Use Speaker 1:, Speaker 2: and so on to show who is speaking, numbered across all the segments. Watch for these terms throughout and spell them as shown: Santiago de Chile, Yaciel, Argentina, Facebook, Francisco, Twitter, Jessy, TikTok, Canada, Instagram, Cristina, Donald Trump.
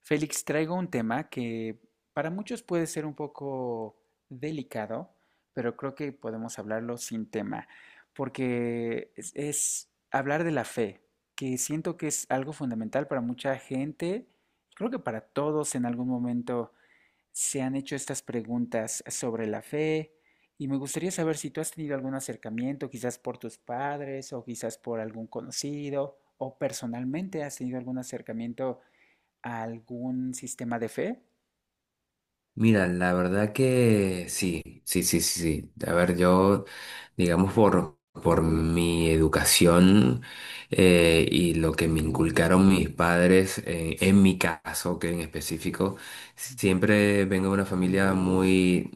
Speaker 1: Félix, traigo un tema que para muchos puede ser un poco delicado, pero creo que podemos hablarlo sin tema, porque es hablar de la fe, que siento que es algo fundamental para mucha gente. Creo que para todos en algún momento se han hecho estas preguntas sobre la fe y me gustaría saber si tú has tenido algún acercamiento, quizás por tus padres o quizás por algún conocido o personalmente has tenido algún acercamiento. ¿Algún sistema de fe?
Speaker 2: Mira, la verdad que sí, sí, sí, sí, sí. A ver, yo, digamos, por mi educación y lo que me inculcaron mis padres, en mi caso, que en específico,
Speaker 1: Ujú,
Speaker 2: siempre vengo de una familia muy,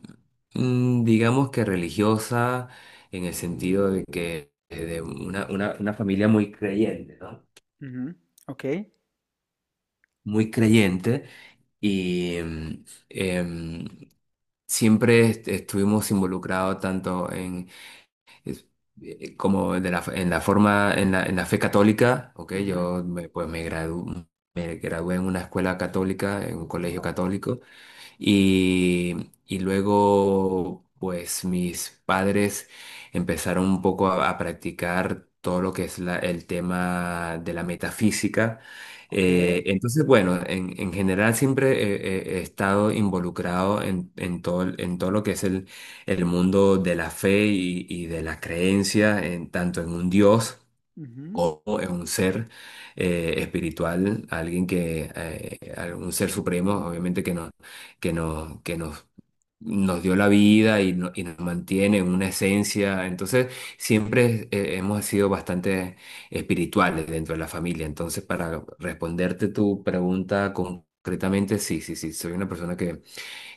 Speaker 2: digamos que religiosa, en el sentido de que de una familia muy creyente, ¿no?
Speaker 1: ujú, ok,
Speaker 2: Muy creyente y... mm, em, Siempre est- estuvimos involucrados tanto en es- como de la, en la forma en la fe católica, ¿ok?
Speaker 1: ujú,
Speaker 2: Pues me gradué en una escuela católica, en un colegio
Speaker 1: oh,
Speaker 2: católico, y, y luego, pues mis padres empezaron un poco a practicar todo lo que es el tema de la metafísica.
Speaker 1: ok,
Speaker 2: Entonces, bueno, en general siempre he estado involucrado en todo lo que es el mundo de la fe y de la creencia, en, tanto en un Dios
Speaker 1: ujú,
Speaker 2: como es un ser espiritual, alguien que, un ser supremo, obviamente que nos dio la vida y, y nos mantiene en una esencia. Entonces, siempre hemos sido bastante espirituales dentro de la familia. Entonces, para responderte tu pregunta concretamente, sí, sí, sí, soy una persona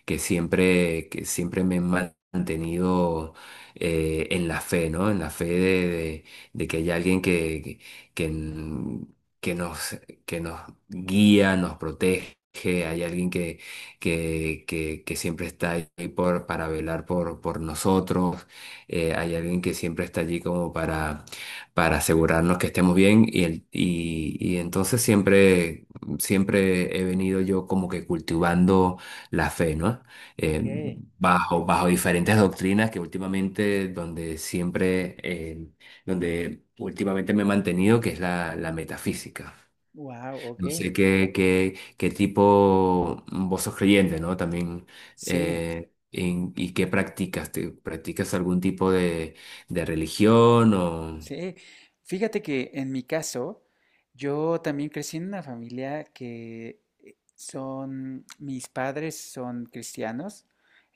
Speaker 2: que siempre me han mantenido en la fe, ¿no? En la fe de que hay alguien que n- que nos, que nos guía, nos protege, hay alguien que siempre está ahí para velar por nosotros, hay alguien que siempre está allí como para asegurarnos que estemos bien y y entonces siempre, siempre he venido yo como que cultivando la fe, ¿no? Eh,
Speaker 1: ok,
Speaker 2: bajo diferentes doctrinas que últimamente, donde siempre, donde últimamente me he mantenido, que es la metafísica.
Speaker 1: wow, ok,
Speaker 2: No sé qué tipo vos sos creyente, ¿no? También,
Speaker 1: sí.
Speaker 2: ¿y qué practicas? ¿Practicas algún tipo de religión o...?
Speaker 1: Sí, fíjate que en mi caso, yo también crecí en una familia que son, mis padres son cristianos,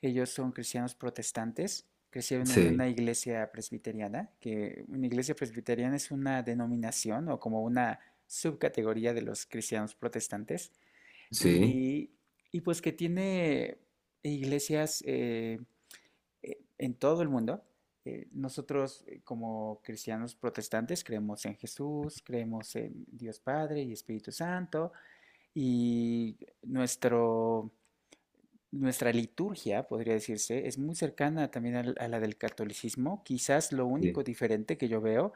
Speaker 1: ellos son cristianos protestantes, crecieron en una
Speaker 2: Sí,
Speaker 1: iglesia presbiteriana, que una iglesia presbiteriana es una denominación o como una subcategoría de los cristianos protestantes,
Speaker 2: sí,
Speaker 1: y, y pues que tiene iglesias, en todo el mundo. Nosotros, como cristianos protestantes, creemos en Jesús, creemos en Dios Padre y Espíritu Santo y nuestro nuestra liturgia, podría decirse, es muy cercana también a la del catolicismo. Quizás lo único
Speaker 2: sí,
Speaker 1: diferente que yo veo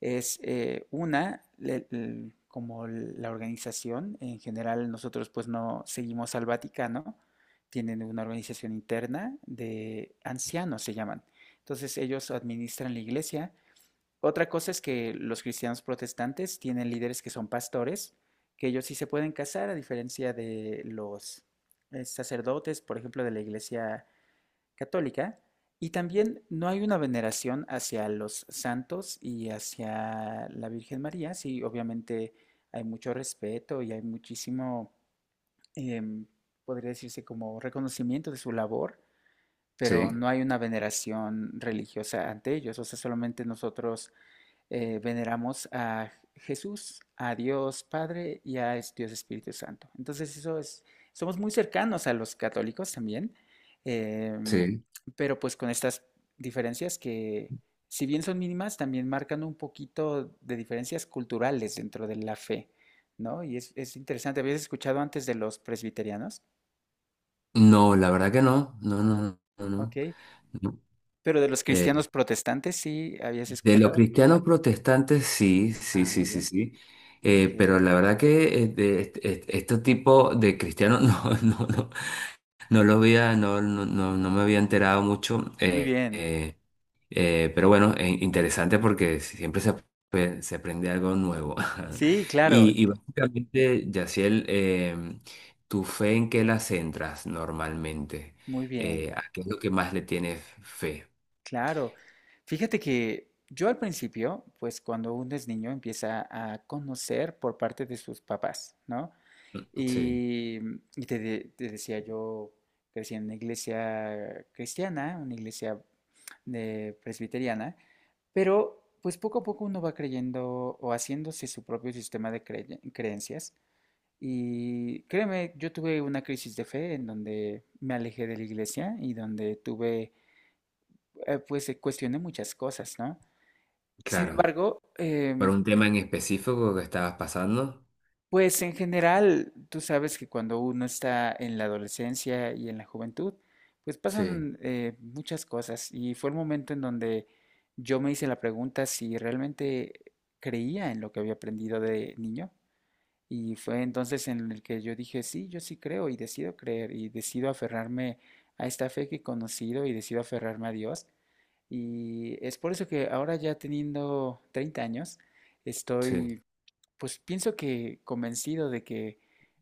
Speaker 1: es una, como la organización, en general nosotros pues no seguimos al Vaticano, tienen una organización interna de ancianos, se llaman. Entonces ellos administran la iglesia. Otra cosa es que los cristianos protestantes tienen líderes que son pastores, que ellos sí se pueden casar, a diferencia de los sacerdotes, por ejemplo, de la Iglesia Católica. Y también no hay una veneración hacia los santos y hacia la Virgen María. Sí, obviamente hay mucho respeto y hay muchísimo, em, podría decirse como reconocimiento de su labor, pero
Speaker 2: sí,
Speaker 1: no hay una veneración religiosa ante ellos. O sea, solamente nosotros veneramos a Jesús, a Dios Padre y a Dios Espíritu Santo. Entonces, eso es, somos muy cercanos a los católicos también, eh,
Speaker 2: sí.
Speaker 1: pero pues con estas diferencias que, si bien son mínimas, también marcan un poquito de diferencias culturales dentro de la fe, ¿no? Y es interesante, ¿habías escuchado antes de los presbiterianos?
Speaker 2: No, la verdad que no, no, no, no,
Speaker 1: Ok,
Speaker 2: no. No.
Speaker 1: pero de los
Speaker 2: Eh,
Speaker 1: cristianos protestantes sí habías
Speaker 2: De los
Speaker 1: escuchado.
Speaker 2: cristianos protestantes, sí, sí,
Speaker 1: Ah,
Speaker 2: sí,
Speaker 1: muy
Speaker 2: sí,
Speaker 1: bien,
Speaker 2: sí.
Speaker 1: ok,
Speaker 2: Pero la verdad que de este tipo de cristianos no, no, no, no lo había, no, no, no, no me había enterado mucho.
Speaker 1: muy bien,
Speaker 2: Pero bueno, interesante porque siempre se aprende algo nuevo.
Speaker 1: sí, claro,
Speaker 2: Y, y básicamente, Yaciel, ¿tu fe en qué la centras normalmente?
Speaker 1: muy bien.
Speaker 2: ¿A qué es lo que más le tienes fe?
Speaker 1: Claro. Fíjate que yo al principio, pues cuando uno es niño empieza a conocer por parte de sus papás, ¿no?
Speaker 2: Sí,
Speaker 1: Y, y te, te decía yo, crecí en una iglesia cristiana, una iglesia de presbiteriana, pero pues poco a poco uno va creyendo o haciéndose su propio sistema de creencias. Y créeme, yo tuve una crisis de fe en donde me alejé de la iglesia y donde tuve pues se cuestione muchas cosas, ¿no? Sin
Speaker 2: claro.
Speaker 1: embargo,
Speaker 2: ¿Para un tema en específico que estabas pasando?
Speaker 1: pues en general, tú sabes que cuando uno está en la adolescencia y en la juventud, pues
Speaker 2: Sí,
Speaker 1: pasan muchas cosas y fue el momento en donde yo me hice la pregunta si realmente creía en lo que había aprendido de niño y fue entonces en el que yo dije, sí, yo sí creo y decido creer y decido aferrarme a esta fe que he conocido y decido aferrarme a Dios. Y es por eso que ahora, ya teniendo 30 años,
Speaker 2: sí.
Speaker 1: estoy, pues pienso que convencido de que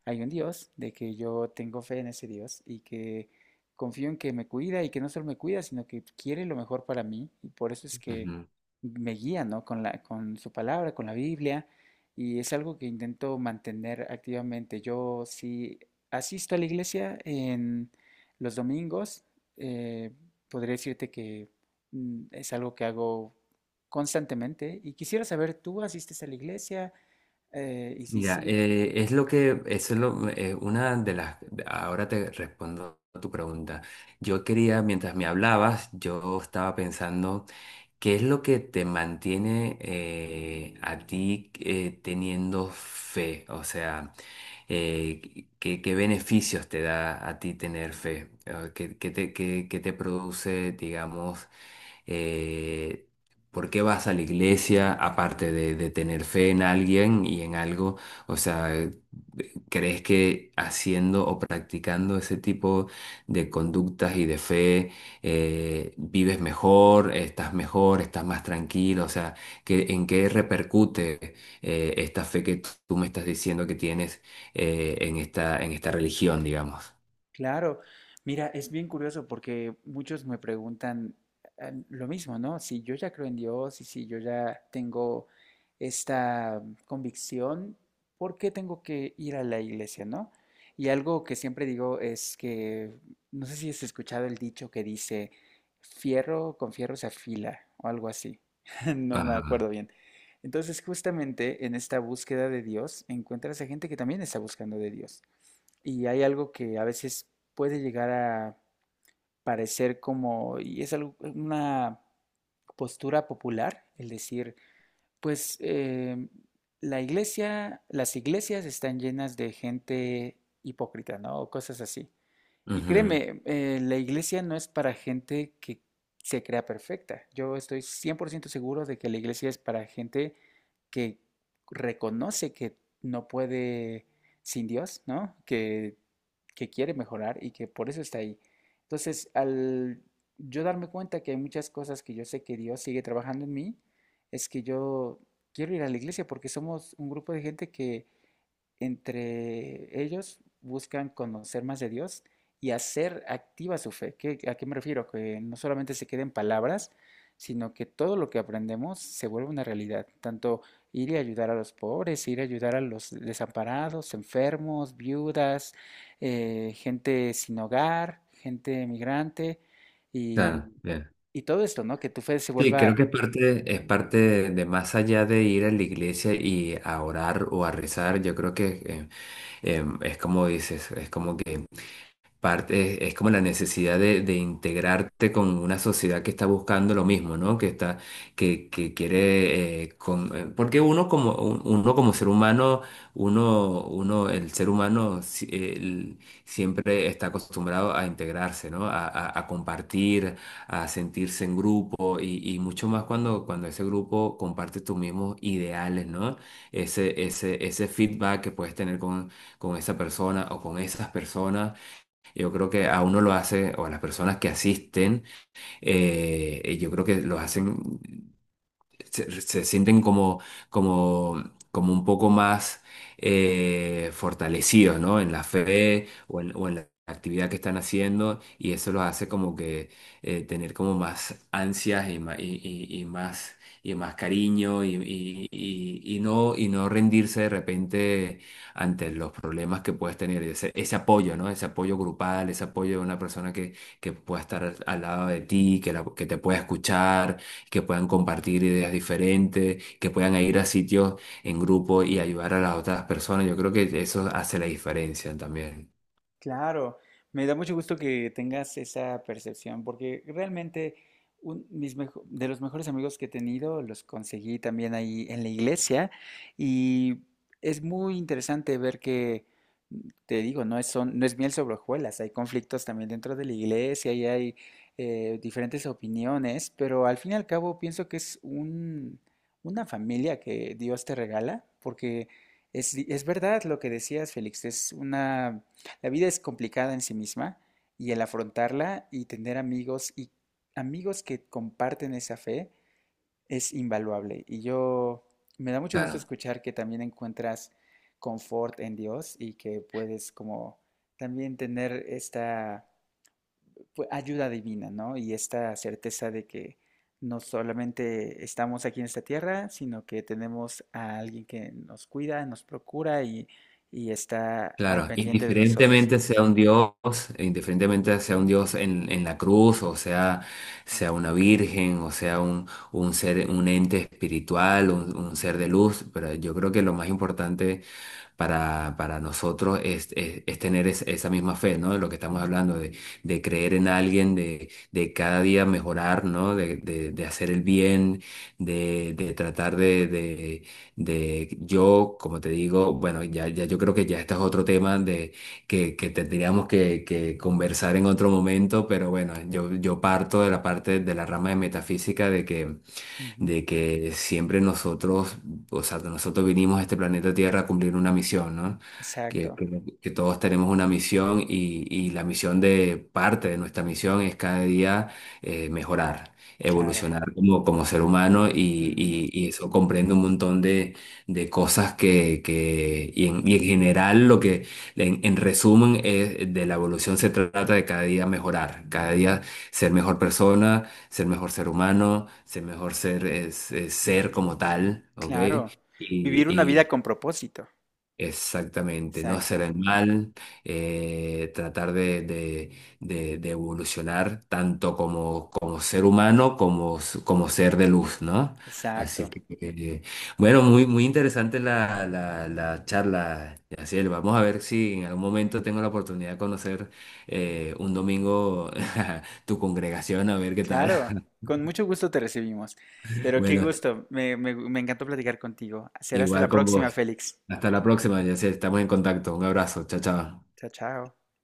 Speaker 1: hay un Dios, de que yo tengo fe en ese Dios y que confío en que me cuida y que no solo me cuida, sino que quiere lo mejor para mí y por eso es que
Speaker 2: Ujú.
Speaker 1: me guía, ¿no? Con la, con su palabra, con la Biblia, y es algo que intento mantener activamente. Yo sí asisto a la iglesia en los domingos, eh, podría decirte que mm, es algo que hago constantemente y quisiera saber, ¿tú asistes a la iglesia? Y sí,
Speaker 2: Mira,
Speaker 1: sí,
Speaker 2: es lo que, eso es lo, una de las, ahora te respondo a tu pregunta. Yo quería, mientras me hablabas, yo estaba pensando, ¿qué es lo que te mantiene a ti teniendo fe? O sea, ¿qué beneficios te da a ti tener fe? ¿Qué te produce, digamos, eh, por qué vas a la iglesia aparte de tener fe en alguien y en algo? O sea, ¿crees que haciendo o practicando ese tipo de conductas y de fe vives mejor, estás más tranquilo, o sea, que, ¿en qué repercute esta fe que tú me estás diciendo que tienes en esta religión, digamos?
Speaker 1: claro. Mira, es bien curioso porque muchos me preguntan ah, lo mismo, ¿no? Si yo ya creo en Dios y si yo ya tengo esta convicción, ¿por qué tengo que ir a la iglesia, no? Y algo que siempre digo es que, no sé si has escuchado el dicho que dice, fierro con fierro se afila o algo así. No me
Speaker 2: Ajá.
Speaker 1: acuerdo bien. Entonces, justamente en esta búsqueda de Dios, encuentras a gente que también está buscando de Dios. Y hay algo que a veces puede llegar a parecer como, y es una postura popular, el decir, pues la iglesia, las iglesias están llenas de gente hipócrita, ¿no? O cosas así. Y
Speaker 2: Ujú.
Speaker 1: créeme, la iglesia no es para gente que se crea perfecta. Yo estoy 100% seguro de que la iglesia es para gente que reconoce que no puede sin Dios, ¿no? Que quiere mejorar y que por eso está ahí. Entonces, al yo darme cuenta que hay muchas cosas que yo sé que Dios sigue trabajando en mí, es que yo quiero ir a la iglesia porque somos un grupo de gente que entre ellos buscan conocer más de Dios y hacer activa su fe. ¿Qué- ¿A qué me refiero? Que no solamente se queden palabras, sino que todo lo que aprendemos se vuelve una realidad. Tanto ir y ayudar a los pobres, ir a ayudar a los desamparados, enfermos, viudas, gente sin hogar, gente migrante
Speaker 2: Claro,
Speaker 1: y,
Speaker 2: bien.
Speaker 1: y todo esto, ¿no? Que tu fe se
Speaker 2: Sí, creo
Speaker 1: vuelva.
Speaker 2: que es parte de más allá de ir a la iglesia y a orar o a rezar, yo creo que es como dices, es como que parte, es como la necesidad de integrarte con una sociedad que está buscando lo mismo, ¿no? Que está, que quiere, porque uno como, uno como ser humano, el ser humano siempre está acostumbrado a integrarse, ¿no? A compartir, a sentirse en grupo y mucho más cuando, cuando ese grupo comparte tus mismos ideales, ¿no? Ese feedback que puedes tener con esa persona o con esas personas, yo creo que a uno lo hace, o a las personas que asisten, yo creo que los hacen se sienten como, como, como un poco más fortalecidos, ¿no? En la fe o en la actividad que están haciendo y eso los hace como que tener como más ansias y más, y, y más cariño y, y no rendirse de repente ante los problemas que puedes tener, ese apoyo, ¿no? Ese apoyo grupal, ese apoyo de una persona que pueda estar al, al lado de ti, que, que te pueda escuchar, que puedan compartir ideas diferentes, que puedan ir a sitios en grupo y ayudar a las otras personas. Yo creo que eso hace la diferencia también.
Speaker 1: Claro, me da mucho gusto que tengas esa percepción, porque realmente de los mejores amigos que he tenido los conseguí también ahí en la iglesia y es muy interesante ver que, mm, te digo, no es miel sobre hojuelas, hay conflictos también dentro de la iglesia y hay diferentes opiniones, pero al fin y al cabo pienso que es un, una familia que Dios te regala, porque es verdad lo que decías, Félix, es una... La vida es complicada en sí misma y el afrontarla y tener amigos y amigos que comparten esa fe es invaluable. Y yo me da mucho gusto
Speaker 2: Claro,
Speaker 1: escuchar que también encuentras confort en Dios y que puedes como también tener esta, pues, ayuda divina, ¿no? Y esta certeza de que no solamente estamos aquí en esta tierra, sino que tenemos a alguien que nos cuida, nos procura y está al
Speaker 2: claro.
Speaker 1: pendiente de nosotros.
Speaker 2: Indiferentemente sea un Dios, indiferentemente sea un Dios en la cruz, o sea, sea una virgen, o sea un ser, un ente espiritual, un ser de luz, pero yo creo que lo más importante para nosotros es, es tener esa misma fe, ¿no? De lo que estamos hablando, de creer en alguien, de cada día mejorar, ¿no? De, de hacer el bien, de tratar de, yo, como te digo, bueno, ya yo creo que ya este es otro tema de que tendríamos que conversar en otro momento, pero bueno, yo parto de la parte de la rama de metafísica de que
Speaker 1: Ujú.
Speaker 2: de que siempre nosotros, o sea, que nosotros vinimos a este planeta Tierra a cumplir una misión, ¿no? Que,
Speaker 1: Exacto,
Speaker 2: que- que todos tenemos una misión y la misión de parte de nuestra misión es cada día mejorar,
Speaker 1: claro.
Speaker 2: evolucionar como, como ser humano y,
Speaker 1: Ujú,
Speaker 2: y eso comprende un montón de cosas que y en general lo que, en resumen, es, de la evolución se trata de cada día mejorar, cada día ser mejor persona, ser mejor ser humano, ser mejor ser es ser como tal, ¿ok?
Speaker 1: claro. Vivir una vida
Speaker 2: Y
Speaker 1: con propósito.
Speaker 2: exactamente, no hacer
Speaker 1: Exacto,
Speaker 2: el mal, tratar de, de evolucionar tanto como, como ser humano como, como ser de luz, ¿no? Así
Speaker 1: exacto.
Speaker 2: que, bueno, muy, muy interesante la charla, Yaciel. Vamos a ver si en algún momento tengo la oportunidad de conocer un domingo tu congregación, a ver qué tal.
Speaker 1: Claro. Con mucho gusto te recibimos. Pero qué
Speaker 2: Bueno,
Speaker 1: gusto. Me encantó platicar contigo. Será hasta la
Speaker 2: igual con
Speaker 1: próxima,
Speaker 2: vos.
Speaker 1: Félix.
Speaker 2: Hasta la próxima, Jessy. Estamos en contacto. Un abrazo. Chao, chao.
Speaker 1: Chao, chao.